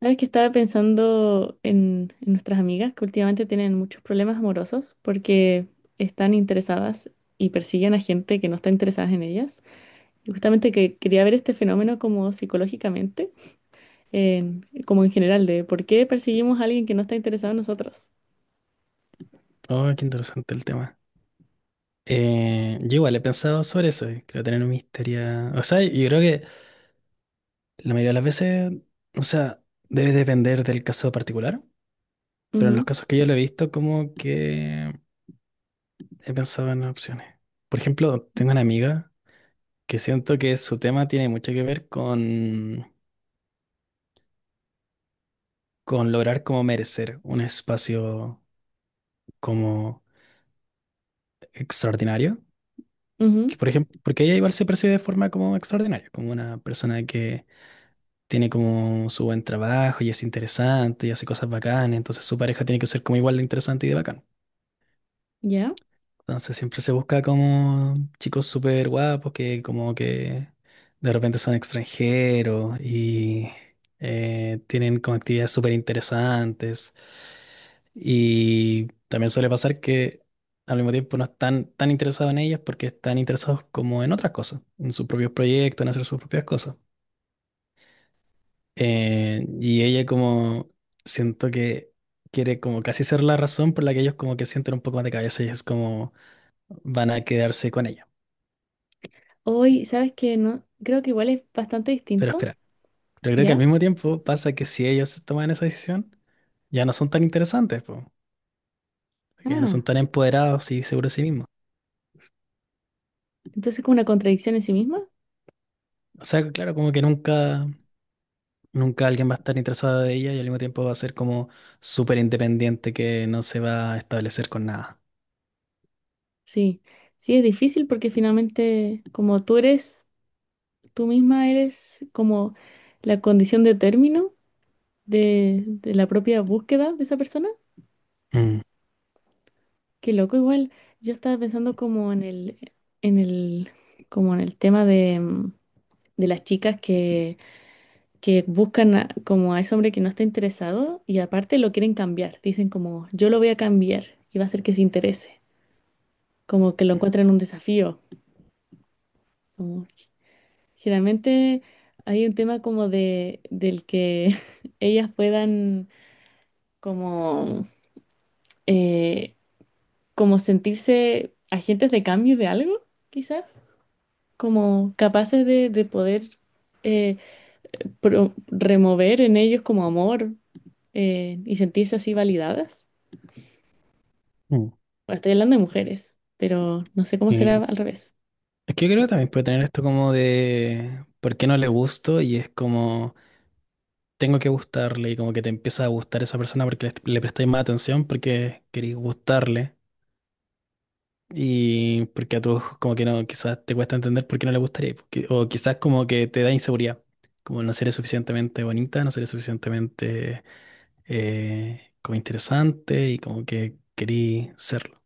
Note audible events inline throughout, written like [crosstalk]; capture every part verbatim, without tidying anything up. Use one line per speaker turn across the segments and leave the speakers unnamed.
Sabes que estaba pensando en, en nuestras amigas que últimamente tienen muchos problemas amorosos porque están interesadas y persiguen a gente que no está interesada en ellas. Y justamente que quería ver este fenómeno como psicológicamente, en- como en general, de por qué perseguimos a alguien que no está interesado en nosotros.
Oh, qué interesante el tema. Eh, yo igual he pensado sobre eso, eh, creo tener una historia. O sea, yo creo que la mayoría de las veces, o sea, debe depender del caso particular, pero en los
Ujú,
casos que yo lo he visto, como que he pensado en opciones. Por ejemplo, tengo una amiga que siento que su tema tiene mucho que ver con, con lograr como merecer un espacio como extraordinario.
ujú,
Que por ejemplo, porque ella igual se percibe de forma como extraordinaria, como una persona que tiene como su buen trabajo y es interesante y hace cosas bacanas, entonces su pareja tiene que ser como igual de interesante y de bacán.
¿ya?
Entonces siempre se busca como chicos súper guapos que como que de repente son extranjeros y eh, tienen como actividades súper interesantes. Y también suele pasar que al mismo tiempo no están tan interesados en ellas porque están interesados como en otras cosas, en sus propios proyectos, en hacer sus propias cosas. Eh, y ella como siento que quiere como casi ser la razón por la que ellos como que sienten un poco más de cabeza y es como van a quedarse con ella.
Hoy, ¿sabes que no, creo que igual es bastante
Pero
distinto,
espera, pero creo que al
¿ya?
mismo tiempo pasa que si ellos toman esa decisión, ya no son tan interesantes, po, porque ya no son
Ah,
tan empoderados y seguros de sí mismos.
entonces como una contradicción en sí misma.
O sea, claro, como que nunca, nunca alguien va a estar interesado de ella y al mismo tiempo va a ser como súper independiente que no se va a establecer con nada.
Sí, sí, es difícil porque finalmente como tú eres... Tú misma eres como la condición de término de, de la propia búsqueda de esa persona.
Mm,
Qué loco, igual. Yo estaba pensando como en el, en el, como en el tema de, mm, de las chicas que, que buscan a- como a ese hombre que no está interesado y aparte lo quieren cambiar. Dicen como, yo lo voy a cambiar y va a hacer que se interese. Como que lo encuentran un desafío. Como, generalmente hay un tema como de, del que [laughs] ellas puedan como, eh, como sentirse agentes de cambio de algo, quizás, como capaces de, de poder eh, pro- remover en ellos como amor, eh, y sentirse así validadas.
mm.
Bueno, estoy hablando de mujeres, pero no sé cómo
Sí,
será al revés.
es que yo creo que también puede tener esto como de por qué no le gusto y es como tengo que gustarle y como que te empieza a gustar esa persona porque le, le prestáis más atención porque queréis gustarle y porque a tú como que no, quizás te cuesta entender por qué no le gustaría porque- o quizás como que te da inseguridad, como no seré suficientemente bonita, no seré suficientemente eh, como interesante y como que querí serlo.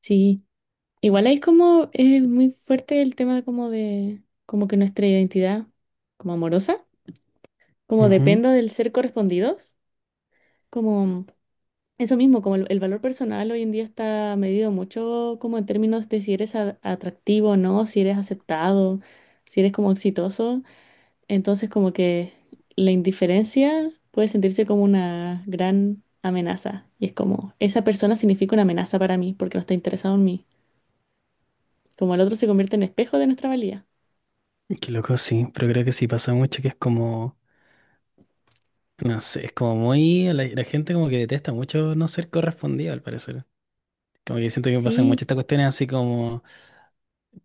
Sí, igual ahí es como eh, muy fuerte el tema como de, como que nuestra identidad como amorosa, como
Ujú.
dependa del ser correspondidos, como... Eso mismo, como el, el valor personal hoy en día está medido mucho como en términos de si eres a- atractivo o no, si eres aceptado, si eres como exitoso. Entonces como que la indiferencia puede sentirse como una gran amenaza. Y es como, esa persona significa una amenaza para mí porque no está interesado en mí. Como el otro se convierte en espejo de nuestra valía.
Qué loco, sí, pero creo que sí pasa mucho que es como. No sé, es como muy. La, la gente como que detesta mucho no ser correspondido, al parecer. Como que siento que pasan muchas
Sí.
estas cuestiones así como,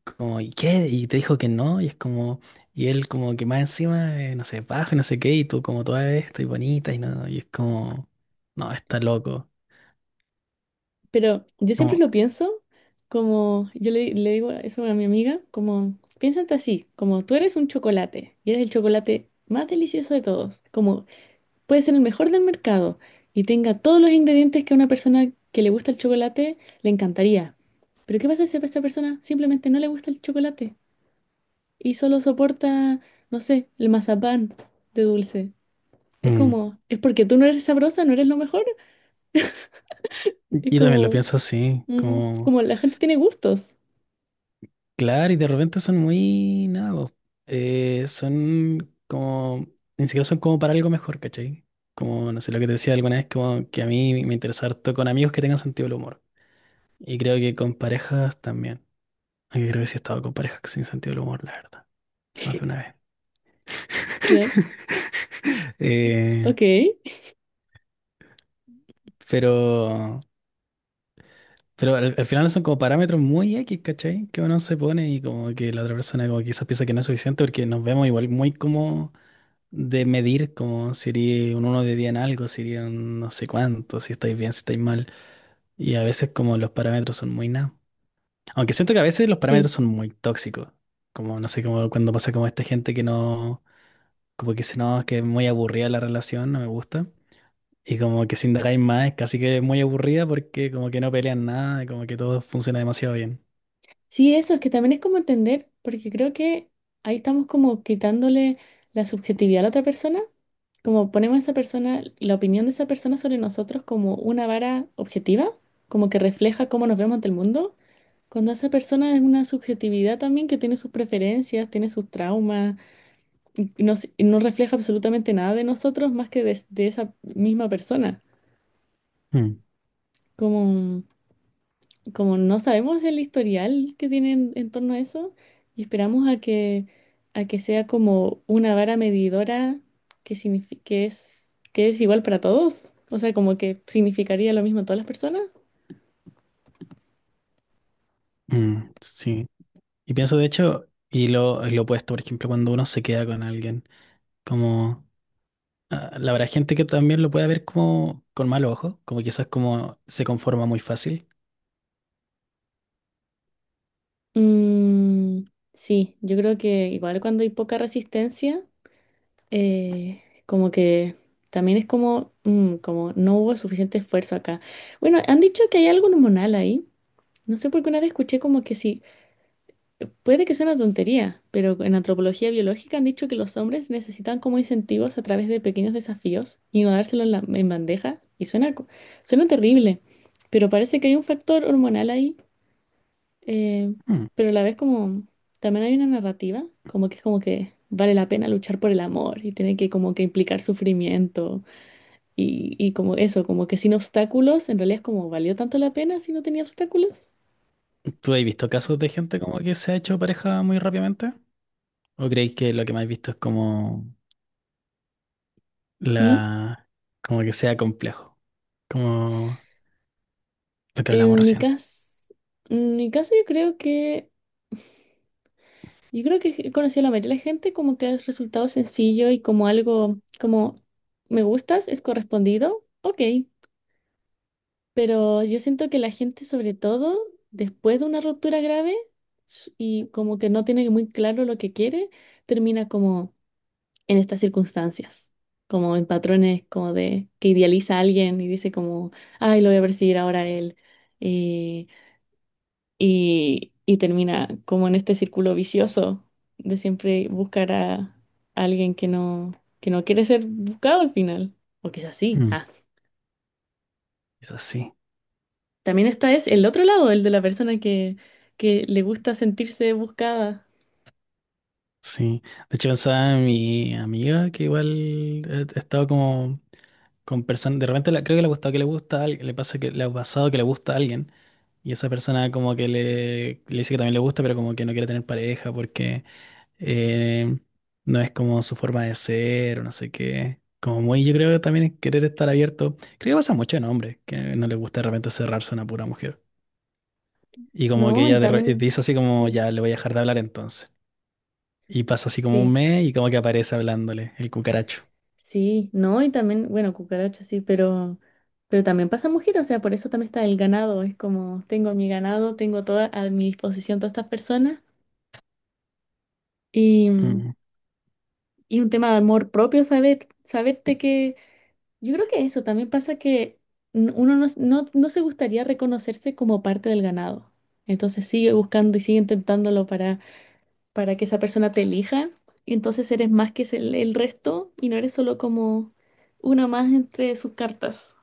como, ¿y qué? Y te dijo que no, y es como, y él como que más encima, eh, no sé, bajo y no sé qué, y tú como toda esto y bonita, y no, y es como, no, está loco.
Pero yo siempre
Como,
lo pienso como, yo le, le digo eso a mi amiga, como, piénsate así, como tú eres un chocolate y eres el chocolate más delicioso de todos, como puede ser el mejor del mercado y tenga todos los ingredientes que a una persona que le gusta el chocolate le encantaría. Pero ¿qué pasa si a esa persona simplemente no le gusta el chocolate y solo soporta, no sé, el mazapán de dulce? Es
mm.
como, es porque tú no eres sabrosa, no eres lo mejor. Es
Y también lo
como,
pienso así,
mm,
como.
como la gente tiene gustos.
Claro, y de repente son muy nada, po. Eh, son como, ni siquiera son como para algo mejor, ¿cachai? Como, no sé, lo que te decía alguna vez, como que a mí me interesa harto con amigos que tengan sentido del humor. Y creo que con parejas también. Aunque creo que sí he estado con parejas sin sentido del humor, la verdad, más de una vez.
Ya,
Eh,
ok.
pero, pero al, al final son como parámetros muy X, ¿cachai? Que uno se pone y como que la otra persona como quizás piensa que no es suficiente porque nos vemos igual muy como de medir como sería un uno de diez en algo, sería un no sé cuánto, si estáis bien, si estáis mal. Y a veces como los parámetros son muy nada. Aunque siento que a veces los parámetros
Sí,
son muy tóxicos. Como no sé, como cuando pasa como esta gente que no, como que dice, no, es que es muy aburrida la relación, no me gusta. Y como que si indagáis más, es casi que es muy aburrida porque como que no pelean nada, como que todo funciona demasiado bien.
sí, eso es que también es como entender, porque creo que ahí estamos como quitándole la subjetividad a la otra persona, como ponemos a esa persona, la opinión de esa persona sobre nosotros como una vara objetiva, como que refleja cómo nos vemos ante el mundo, cuando esa persona es una subjetividad también que tiene sus preferencias, tiene sus traumas, y no, s- y no refleja absolutamente nada de nosotros más que de, de esa misma persona.
Mm,
Como... como no sabemos el historial que tienen en torno a eso y esperamos a que, a que sea como una vara medidora que, signifi- que es, que es igual para todos, o sea, como que significaría lo mismo a todas las personas.
mm, sí. Y pienso de hecho, y lo, lo opuesto, por ejemplo, cuando uno se queda con alguien, como. Ah, la verdad, gente que también lo puede ver como con mal ojo, como quizás como se conforma muy fácil.
Mm, sí, yo creo que igual cuando hay poca resistencia, eh, como que también es como, mm, como no hubo suficiente esfuerzo acá. Bueno, han dicho que hay algo hormonal ahí. No sé por qué una vez escuché como que sí puede que sea una tontería, pero en antropología biológica han dicho que los hombres necesitan como incentivos a través de pequeños desafíos y no dárselos en, la- en bandeja. Y suena, co- suena terrible, pero parece que hay un factor hormonal ahí, eh,
Mm.
pero a la vez como también hay una narrativa, como que es como que vale la pena luchar por el amor y tiene que como que implicar sufrimiento y, y como eso, como que sin obstáculos, en realidad es como valió tanto la pena si no tenía obstáculos.
¿Tú has visto casos de gente como que se ha hecho pareja muy rápidamente? ¿O creéis que lo que más he visto es como
¿Mm?
la, como que sea complejo? Como lo que hablamos
En mi
recién.
caso, en mi caso yo creo que yo creo que he conocido a la mayoría de la gente como que es resultado sencillo y como algo como me gustas, es correspondido, ok. Pero yo siento que la gente, sobre todo después de una ruptura grave s- y como que no tiene muy claro lo que quiere, termina como en estas circunstancias, como en patrones como de que idealiza a alguien y dice como, ay, lo voy a perseguir ahora a él. eh, y, y termina como en este círculo vicioso de siempre buscar a alguien que no, que no quiere ser buscado al final. O quizás sí.
Mm.
Ah.
Quizás sí,
También está es el otro lado, el de la persona que, que le gusta sentirse buscada.
sí. De hecho, pensaba en mi amiga que igual ha ha estado como con personas, de repente la- creo que le ha gustado que le gusta a alguien, le pasa que le ha pasado que le gusta a alguien y esa persona como que le, le dice que también le gusta, pero como que no quiere tener pareja porque eh, no es como su forma de ser o no sé qué. Como muy, yo creo que también es querer estar abierto. Creo que pasa mucho en hombres, que no les gusta de repente cerrarse a una pura mujer. Y como que
No, y
ella de re-
también,
dice así como,
sí,
ya, le voy a dejar de hablar entonces. Y pasa así como un
sí,
mes y como que aparece hablándole el cucaracho.
sí, no, y también, bueno, cucaracha sí, pero, pero también pasa mujer, o sea, por eso también está el ganado, es como tengo mi ganado, tengo toda a mi disposición todas estas personas y
Mm.
Y un tema de amor propio, saber, saberte que yo creo que eso también pasa que n- uno no, no, no se gustaría reconocerse como parte del ganado. Entonces sigue buscando y sigue intentándolo para, para que esa persona te elija. Y entonces eres más que el, el resto y no eres solo como una más entre sus cartas,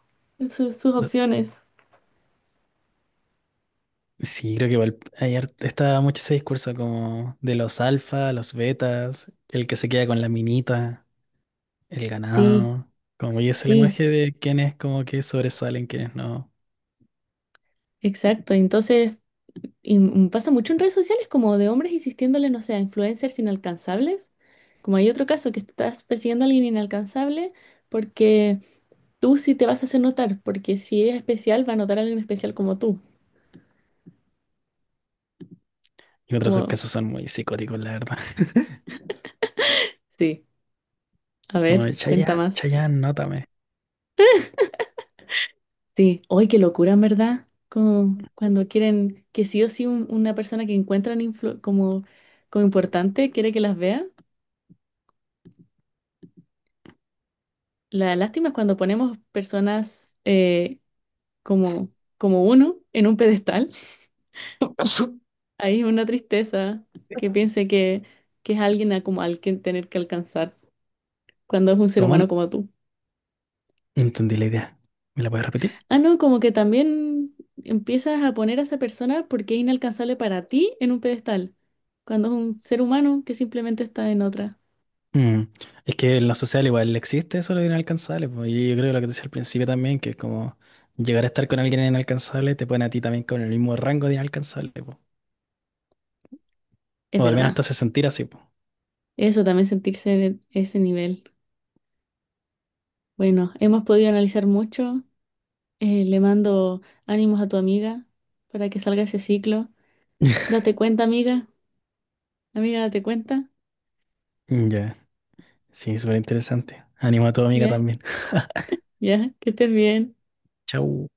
sus, sus opciones.
Sí, creo que igual hay hart- está mucho ese discurso como de los alfa, los betas, el que se queda con la minita, el
Sí,
ganado, como y ese
sí,
lenguaje de quienes como que sobresalen, quienes no.
exacto. Entonces... Y m- pasa mucho en redes sociales como de hombres insistiéndole, no sé, a influencers inalcanzables. Como hay otro caso que estás persiguiendo a alguien inalcanzable porque tú sí te vas a hacer notar, porque si es especial, va a notar a alguien especial como tú.
Y en otros
Como,
casos son muy psicóticos, la verdad. [laughs]
sí, a
Como
ver,
de
cuenta
Chayanne,
más.
Chayanne, nótame.
Sí, hoy qué locura, en verdad. Como cuando quieren que sí o sí un- una persona que encuentran influ- como, como importante quiere que las vea. La lástima es cuando ponemos personas eh, como, como uno en un pedestal.
[laughs]
[laughs] Ahí es una tristeza que piense que, que es alguien a como al que tener que alcanzar cuando es un ser
¿Cómo? No
humano como tú.
entendí la idea. ¿Me la puedes repetir?
Ah, no, como que también empiezas a poner a esa persona porque es inalcanzable para ti en un pedestal, cuando es un ser humano que simplemente está en otra.
Mm, es que en lo social igual existe eso de lo inalcanzable, pues, y yo creo que lo que te decía al principio también, que es como llegar a estar con alguien inalcanzable te pone a ti también con el mismo rango de inalcanzable, pues.
Es
O al menos te
verdad,
hace sentir así, po.
eso también sentirse en e- ese nivel. Bueno, hemos podido analizar mucho. Eh, le mando ánimos a tu amiga para que salga ese ciclo.
[laughs]
Date cuenta, amiga. Amiga, ¿te cuenta?
Ya, sí, súper interesante. Animo a tu amiga
Ya,
también. [laughs]
ya, que estés bien.
Chau.